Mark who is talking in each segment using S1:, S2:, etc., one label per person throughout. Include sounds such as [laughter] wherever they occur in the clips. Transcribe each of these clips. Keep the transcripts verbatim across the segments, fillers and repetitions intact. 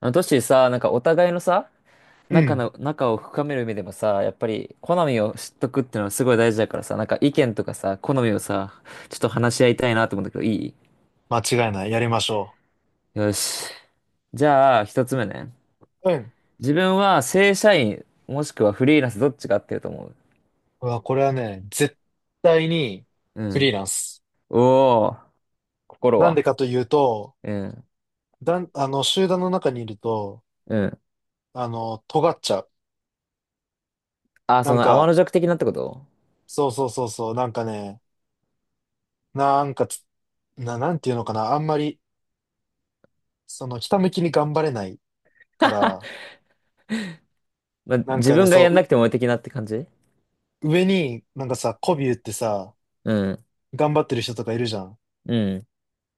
S1: あの、トッシーさ、なんかお互いのさ、
S2: う
S1: 仲
S2: ん。
S1: の、仲を深める意味でもさ、やっぱり好みを知っとくっていうのはすごい大事だからさ、なんか意見とかさ、好みをさ、ちょっと話し合いたいなと思うんだけど、いい？
S2: 間違いない。やりましょ
S1: よし。じゃあ、ひとつめね。
S2: う。うん。
S1: 自分は正社員、もしくはフリーランスどっちが合ってると思う？
S2: うわ、これはね、絶対に
S1: う
S2: フリー
S1: ん。
S2: ランス。
S1: おー、心
S2: なんで
S1: は？
S2: かというと、
S1: うん、
S2: だん、あの、集団の中にいると、
S1: うん。
S2: あの、尖っちゃう。
S1: あ、
S2: な
S1: そ
S2: ん
S1: の天
S2: か、
S1: の弱的なってこと？
S2: そうそうそうそう、なんかね、なんかつな、なんていうのかな、あんまり、その、ひたむきに頑張れないか
S1: [laughs]
S2: ら、
S1: まあ、
S2: なん
S1: 自
S2: かね、
S1: 分が
S2: そ
S1: やん
S2: う、う
S1: なくても的なって感じ？
S2: 上に、なんかさ、媚び売ってさ、
S1: うん、
S2: 頑張ってる人とかいるじゃん。
S1: うん、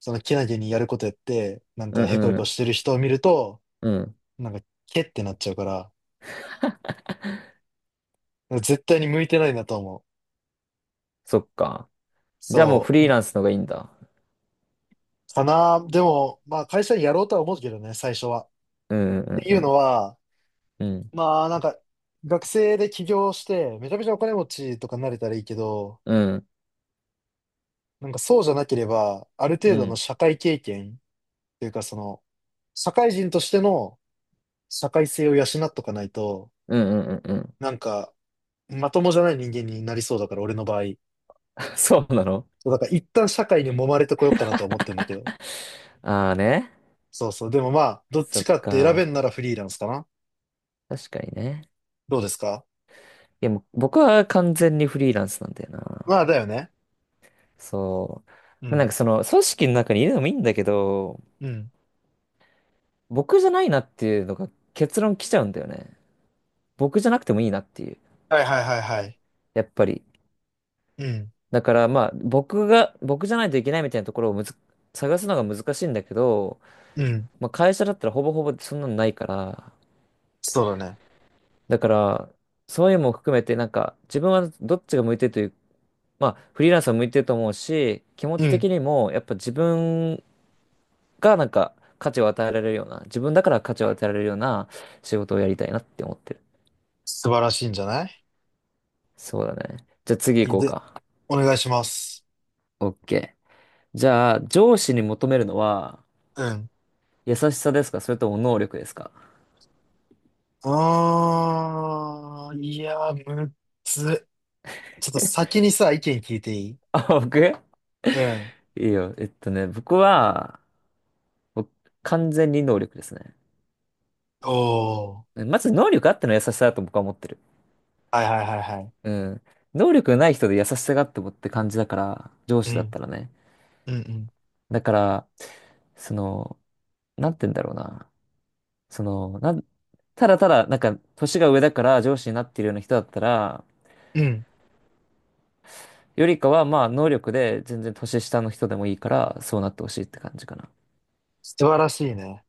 S2: その、けなげにやることやって、なん
S1: う
S2: か、へこ
S1: ん、
S2: へ
S1: う
S2: こし
S1: ん、
S2: てる人を見ると、
S1: うん。
S2: なんか、けってなっちゃうから、絶対に向いてないなと思う。
S1: そっか。じゃあもう
S2: そ
S1: フ
S2: う。
S1: リーランスの方がいいんだ。
S2: かな。でも、まあ会社にやろうとは思うけどね、最初は。っ
S1: うんうん
S2: てい
S1: う
S2: うの
S1: ん
S2: は、
S1: うん。
S2: まあなんか、学生で起業して、めちゃめちゃお金持ちとかになれたらいいけど、
S1: うん
S2: なんかそうじゃなければ、ある
S1: う
S2: 程
S1: ん
S2: 度
S1: う
S2: の
S1: ん
S2: 社会経験っていうかその、社会人としての社会性を養っとかないと、
S1: うんうんうん。
S2: なんか、まともじゃない人間になりそうだから、俺の場合。
S1: [laughs] そうなの？
S2: そうだから一旦社会に揉まれてこようかなとは思ってんだけど。
S1: [laughs] ああね。
S2: そうそう。でもまあ、どっ
S1: そ
S2: ち
S1: っ
S2: かって選べん
S1: か。
S2: ならフリーランスかな。
S1: 確かにね。
S2: どうですか？
S1: いやもう僕は完全にフリーランスなんだよな。
S2: まあ、だよね。
S1: そ
S2: う
S1: う。なん
S2: ん。
S1: かその組織の中にいるのもいいんだけど、
S2: うん。
S1: 僕じゃないなっていうのが結論来ちゃうんだよね。僕じゃなくてもいいなっていう。
S2: はいはいはいはい。
S1: やっぱり。
S2: うん。
S1: だからまあ僕が、僕じゃないといけないみたいなところをむず、探すのが難しいんだけど、
S2: うん。
S1: まあ、会社だったらほぼほぼそんなのないから、
S2: そうだね。
S1: だから、そういうのも含めて、なんか、自分はどっちが向いてるという、まあ、フリーランスは向いてると思うし、気持
S2: う
S1: ち
S2: ん。
S1: 的にも、やっぱ自分がなんか、価値を与えられるような、自分だから価値を与えられるような仕事をやりたいなって思ってる。
S2: 素晴らしいんじゃない？
S1: そうだね。じゃあ次
S2: いい
S1: 行こう
S2: で、
S1: か。
S2: お願いします。
S1: OK。じゃあ、上司に求めるのは、
S2: うん。
S1: 優しさですか、それとも能力ですか？
S2: あー、いやー、むっつ。ちょっと先にさ、意見聞いていい？
S1: あ、僕、
S2: うん。
S1: いいよ。えっとね、僕は、僕完全に能力ですね。
S2: おー。
S1: まず能力あっての優しさだと僕は思ってる。
S2: はいはいはいはい。
S1: うん。能力がない人で優しさがあってもって感じだから、上
S2: う
S1: 司だっ
S2: ん。
S1: たらね。
S2: うん
S1: だから、その、なんて言うんだろうな。その、なん、ただただ、なんか、年が上だから上司になっているような人だったら、
S2: うん。うん。
S1: よりかは、まあ、能力で全然年下の人でもいいから、そうなってほしいって感じかな。
S2: 素晴らしいね。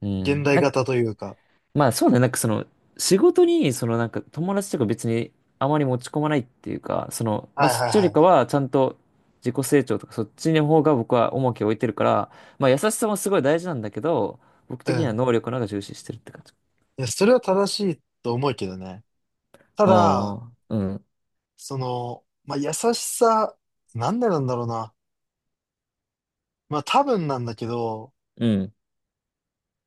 S1: う
S2: 現
S1: ん。
S2: 代
S1: なんか、
S2: 型というか。
S1: まあそうね、なんかその、仕事に、そのなんか友達とか別にあまり持ち込まないっていうか、その、まあ
S2: はい
S1: そっ
S2: はい
S1: ちよ
S2: は
S1: りか
S2: い。
S1: はちゃんと自己成長とかそっちの方が僕は重きを置いてるから、まあ優しさもすごい大事なんだけど、僕
S2: う
S1: 的には
S2: ん。
S1: 能力の方が重視してるって感じ。
S2: いや、それは正しいと思うけどね。た
S1: あ
S2: だ、
S1: あ、うん、
S2: その、まあ、優しさ、なんでなんだろうな。まあ、多分なんだけど、
S1: うん、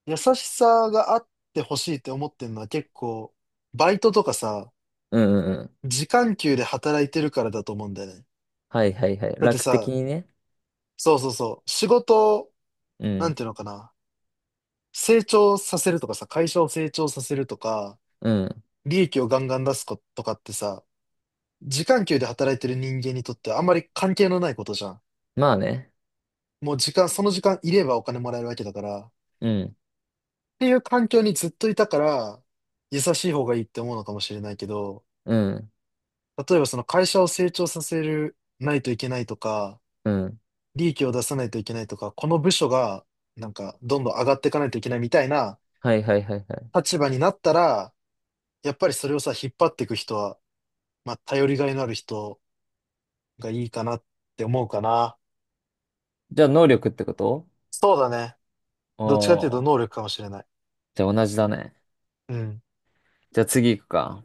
S2: 優しさがあってほしいって思ってるのは結構、バイトとかさ、
S1: うん、うん。うん、
S2: 時間給で働いてるからだと思うんだよね。
S1: はいはいはい。
S2: だって
S1: 楽的
S2: さ、
S1: にね。
S2: そうそうそう、仕事を、
S1: う
S2: なん
S1: ん、
S2: ていうのかな、成長させるとかさ、会社を成長させるとか、
S1: うん。
S2: 利益をガンガン出すことかってさ、時間給で働いてる人間にとってはあんまり関係のないことじゃん。
S1: まあね。
S2: もう時間、その時間いればお金もらえるわけだから、
S1: うん、
S2: ていう環境にずっといたから、優しい方がいいって思うのかもしれないけど、
S1: うん、
S2: 例えばその会社を成長させるないといけないとか、
S1: うん。
S2: 利益を出さないといけないとか、この部署がなんかどんどん上がっていかないといけないみたいな
S1: はいはいはいはい。
S2: 立場になったら、やっぱりそれをさ、引っ張っていく人は、まあ、頼りがいのある人がいいかなって思うかな。
S1: じゃあ能力ってこと？
S2: そうだね。
S1: お
S2: どっちかっていうと能
S1: ー。
S2: 力かもしれない。
S1: じゃあ同じだね。
S2: うん。
S1: じゃあ次行くか。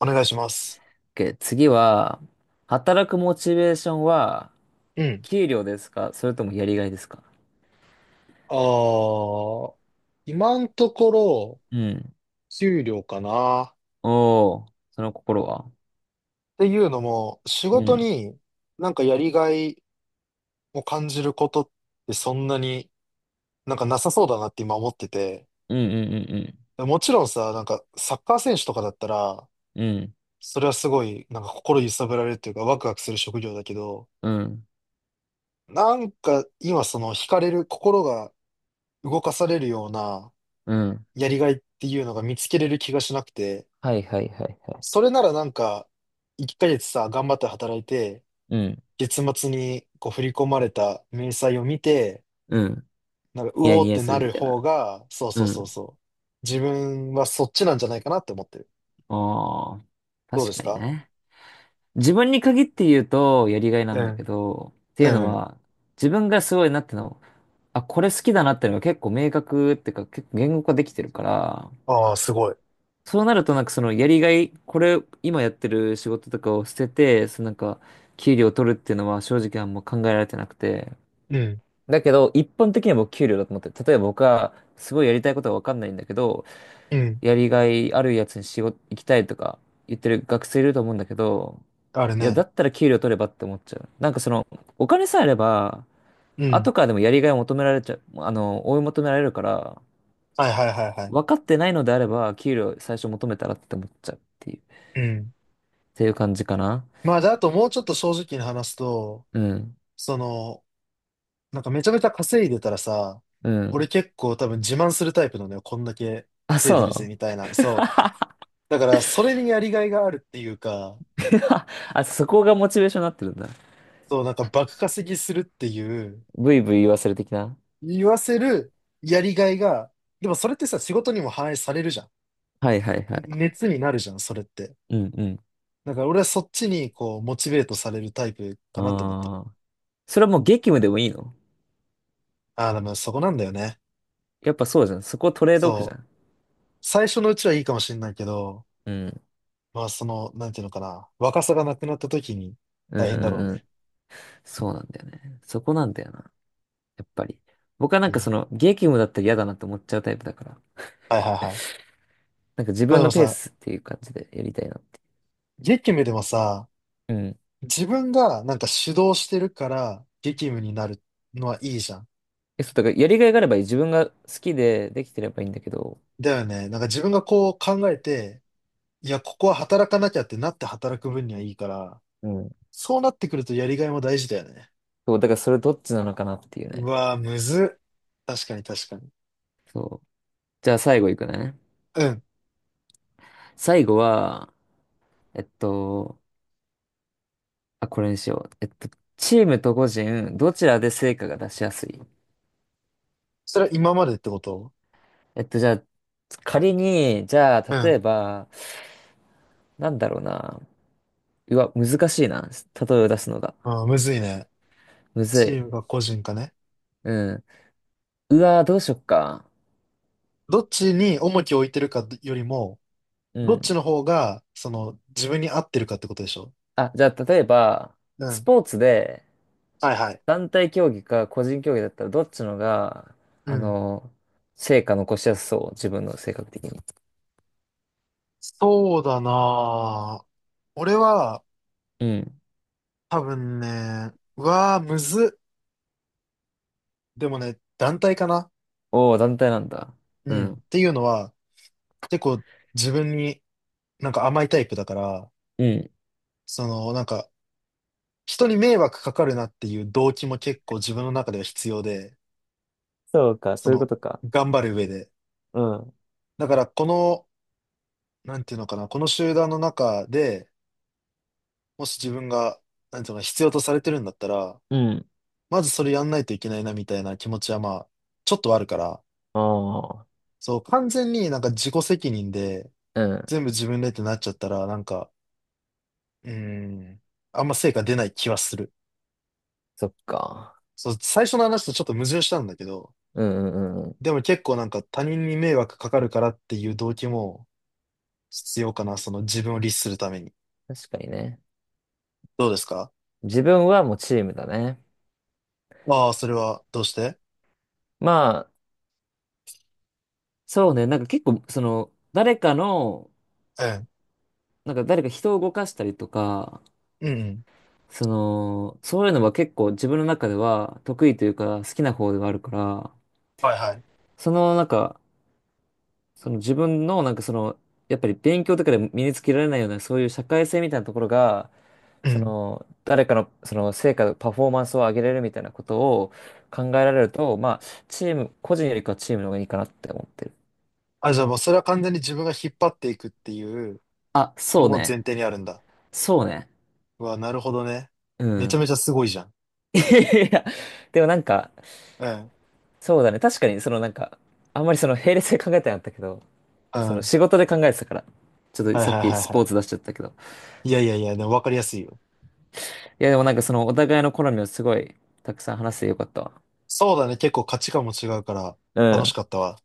S2: お願いします。
S1: OK、次は、働くモチベーションは、
S2: うん。
S1: 給料ですか、それともやりがいですか？
S2: ああ、今のところ、
S1: うん。
S2: 給料かな。っ
S1: おー、その心は？
S2: ていうのも、仕
S1: う
S2: 事
S1: ん。
S2: になんかやりがいを感じることってそんなになんかなさそうだなって今思ってて。
S1: うんうん
S2: もちろんさ、なんかサッカー選手とかだったら、
S1: うんうん。うん。
S2: それはすごいなんか心揺さぶられるというかワクワクする職業だけど、
S1: うん。
S2: なんか今その惹かれる、心が動かされるような
S1: うん。
S2: やりがいっていうのが見つけれる気がしなくて、
S1: はいはいはいはい。
S2: それならなんかいっかげつさ、頑張って働いて、
S1: うん。
S2: 月末にこう振り込まれた明細を見て、
S1: うん。
S2: なんか、う
S1: ニヤ
S2: おー
S1: ニ
S2: っ
S1: ヤ
S2: て
S1: す
S2: な
S1: るみ
S2: る
S1: たい
S2: 方
S1: な。
S2: が、そう
S1: う
S2: そうそう
S1: ん。
S2: そう。自分はそっちなんじゃないかなって思ってる。
S1: ああ、
S2: どうで
S1: 確
S2: す
S1: かに
S2: か？
S1: ね。自分に限って言うと、やりがいな
S2: う
S1: んだけ
S2: ん。
S1: ど、っていう
S2: う
S1: の
S2: ん。
S1: は、自分がすごいなっての、あ、これ好きだなってのが結構明確っていうか、結構言語化できてるから、
S2: ああ、すごい。
S1: そうなるとなんかそのやりがい、これ今やってる仕事とかを捨てて、そのなんか給料を取るっていうのは正直あんま考えられてなくて。
S2: うん。
S1: だけど一般的には僕給料だと思って、例えば僕はすごいやりたいことはわかんないんだけど、
S2: うん。
S1: やりがいあるやつに仕事行きたいとか言ってる学生いると思うんだけど、
S2: ある
S1: いや、だ
S2: ね。
S1: ったら給料取ればって思っちゃう。なんかそのお金さえあれば、
S2: うん。
S1: 後からでもやりがいを求められちゃう、あの、追い求められるから、
S2: はいはいはいはい。
S1: 分かってないのであれば給料最初求めたらって思っちゃうっていう。
S2: うん。
S1: ていう感じかな。
S2: まあ、じゃあ、あともうちょっと正直に話すと、
S1: うん。
S2: その、なんかめちゃめちゃ稼いでたらさ、
S1: う
S2: 俺
S1: ん。
S2: 結構多分自慢するタイプなのよ。こんだけ
S1: あ、
S2: 稼い
S1: そう
S2: で
S1: な
S2: るぜ、
S1: の？
S2: みたいな。そう。だから、それにやりがいがあるっていうか、
S1: [laughs] あ、そこがモチベーションになってるんだ。
S2: そう、なんか爆稼ぎするっていう、
S1: ブイブイ言わせる的な。
S2: 言わせるやりがいが、でもそれってさ、仕事にも反映されるじゃ
S1: はいはいは
S2: ん。ん
S1: い。
S2: 熱になるじゃん、それって。
S1: うんうん。
S2: だから俺はそっちにこう、モチベートされるタイプかなって思ってる。
S1: ああ。それはもう激務でもいいの？
S2: ああ、でもそこなんだよね。
S1: やっぱそうじゃん。そこトレードオフじゃ
S2: そう。
S1: ん。
S2: 最初のうちはいいかもしれないけど、
S1: うん。
S2: まあその、なんていうのかな、若さがなくなった時に
S1: うん
S2: 大変だろう
S1: うんう
S2: ね。
S1: ん。そうなんだよね。そこなんだよな。やっぱり。僕はなん
S2: う
S1: か
S2: ん。
S1: その激務だったら嫌だなって思っちゃうタイプだから。
S2: はいはいはい。
S1: なんか自
S2: まあ
S1: 分
S2: でも
S1: のペー
S2: さ、
S1: スっていう感じでやりたいなって。
S2: 激務でもさ、
S1: うん。
S2: 自分がなんか主導してるから激務になるのはいいじゃん。
S1: え、そう、だからやりがいがあればいい。自分が好きでできてればいいんだけど。
S2: だよね。なんか自分がこう考えて、いや、ここは働かなきゃってなって働く分にはいいから、
S1: うん、
S2: そうなってくるとやりがいも大事だよね。
S1: そう、だからそれどっちなのかなっていう
S2: う
S1: ね。
S2: わぁ、むずっ。確かに確かに。
S1: そう。じゃあ最後いくね。
S2: うん。
S1: 最後は、えっと、あ、これにしよう。えっと、チームと個人、どちらで成果が出しやすい？
S2: それは今までってこと？
S1: えっと、じゃあ、仮に、じゃあ、
S2: う
S1: 例
S2: ん。
S1: えば、なんだろうな。うわ、難しいな。例えを出すのが。
S2: あーむずいね。
S1: むず
S2: チ
S1: い。
S2: ームか個人かね。
S1: うん。うわ、どうしよっか。
S2: どっちに重きを置いてるかよりも、
S1: う
S2: どっち
S1: ん。
S2: の方が、その、自分に合ってるかってことでしょ？
S1: あ、じゃあ、例えば、
S2: う
S1: ス
S2: ん。
S1: ポーツで、
S2: はいはい。
S1: 団体競技か個人競技だったらどっちのが、
S2: う
S1: あ
S2: ん。
S1: の、成果残しやすそう、自分の性格的に。
S2: そうだなぁ。俺は、
S1: うん。
S2: 多分ね、うわぁ、むずっ。でもね、団体かな。
S1: おお、団体なんだ。
S2: う
S1: う
S2: ん。
S1: ん。
S2: っていうのは、結構自分になんか甘いタイプだから、
S1: うん。
S2: そのなんか人に迷惑かかるなっていう動機も結構自分の中では必要で、
S1: そうか、
S2: そ
S1: そういうこ
S2: の
S1: とか。
S2: 頑張る上で。
S1: うん。
S2: だからこの、なんていうのかな、この集団の中で、もし自分が、なんていうのか必要とされてるんだったら、
S1: うん。
S2: まずそれやんないといけないなみたいな気持ちはまあ、ちょっとはあるから、
S1: ああ。
S2: そう、完全になんか自己責任で
S1: うん。
S2: 全部自分でってなっちゃったら、なんか、うん。あんま成果出ない気はする。
S1: そっか。
S2: そう、最初の話とちょっと矛盾したんだけど、
S1: うんうんうんうん。
S2: でも結構なんか他人に迷惑かかるからっていう動機も必要かな、その自分を律するために。
S1: 確かにね。
S2: どうですか？
S1: 自分はもうチームだね。
S2: ああ、それはどうして？
S1: まあ、そうね。なんか結構、その、誰かの、
S2: ええ。
S1: なんか誰か人を動かしたりとか、
S2: うんうん。
S1: その、そういうのは結構自分の中では得意というか好きな方ではあるから、
S2: はいはい。
S1: そのなんか、その自分のなんかその、やっぱり勉強とかで身につけられないようなそういう社会性みたいなところが、
S2: う
S1: そ
S2: ん。
S1: の、誰かのその成果、パフォーマンスを上げれるみたいなことを考えられると、まあ、チーム、個人よりかはチームの方がいいかなって思ってる。
S2: あ、じゃあもうそれは完全に自分が引っ張っていくっていう
S1: あ、そ
S2: の
S1: う
S2: も
S1: ね。
S2: 前提にあるんだ。
S1: そうね。
S2: うわ、なるほどね。
S1: う
S2: めちゃ
S1: ん。
S2: めちゃすごいじゃん。
S1: [laughs] いや、でもなんか、
S2: ええ。
S1: そうだね。確かにそのなんか、あんまりその並列で考えてなかったけど、
S2: うん。
S1: その
S2: は
S1: 仕事で考えてたから。ちょっ
S2: い
S1: と
S2: はい
S1: さっ
S2: は
S1: き
S2: い
S1: ス
S2: は
S1: ポー
S2: い。
S1: ツ出しちゃったけど。
S2: いやいやいや、でも分かりやすいよ。
S1: いやでもなんかそのお互いの好みをすごいたくさん話してよかったわ。
S2: そうだね、結構価値観も違うから
S1: う
S2: 楽し
S1: ん。
S2: かったわ。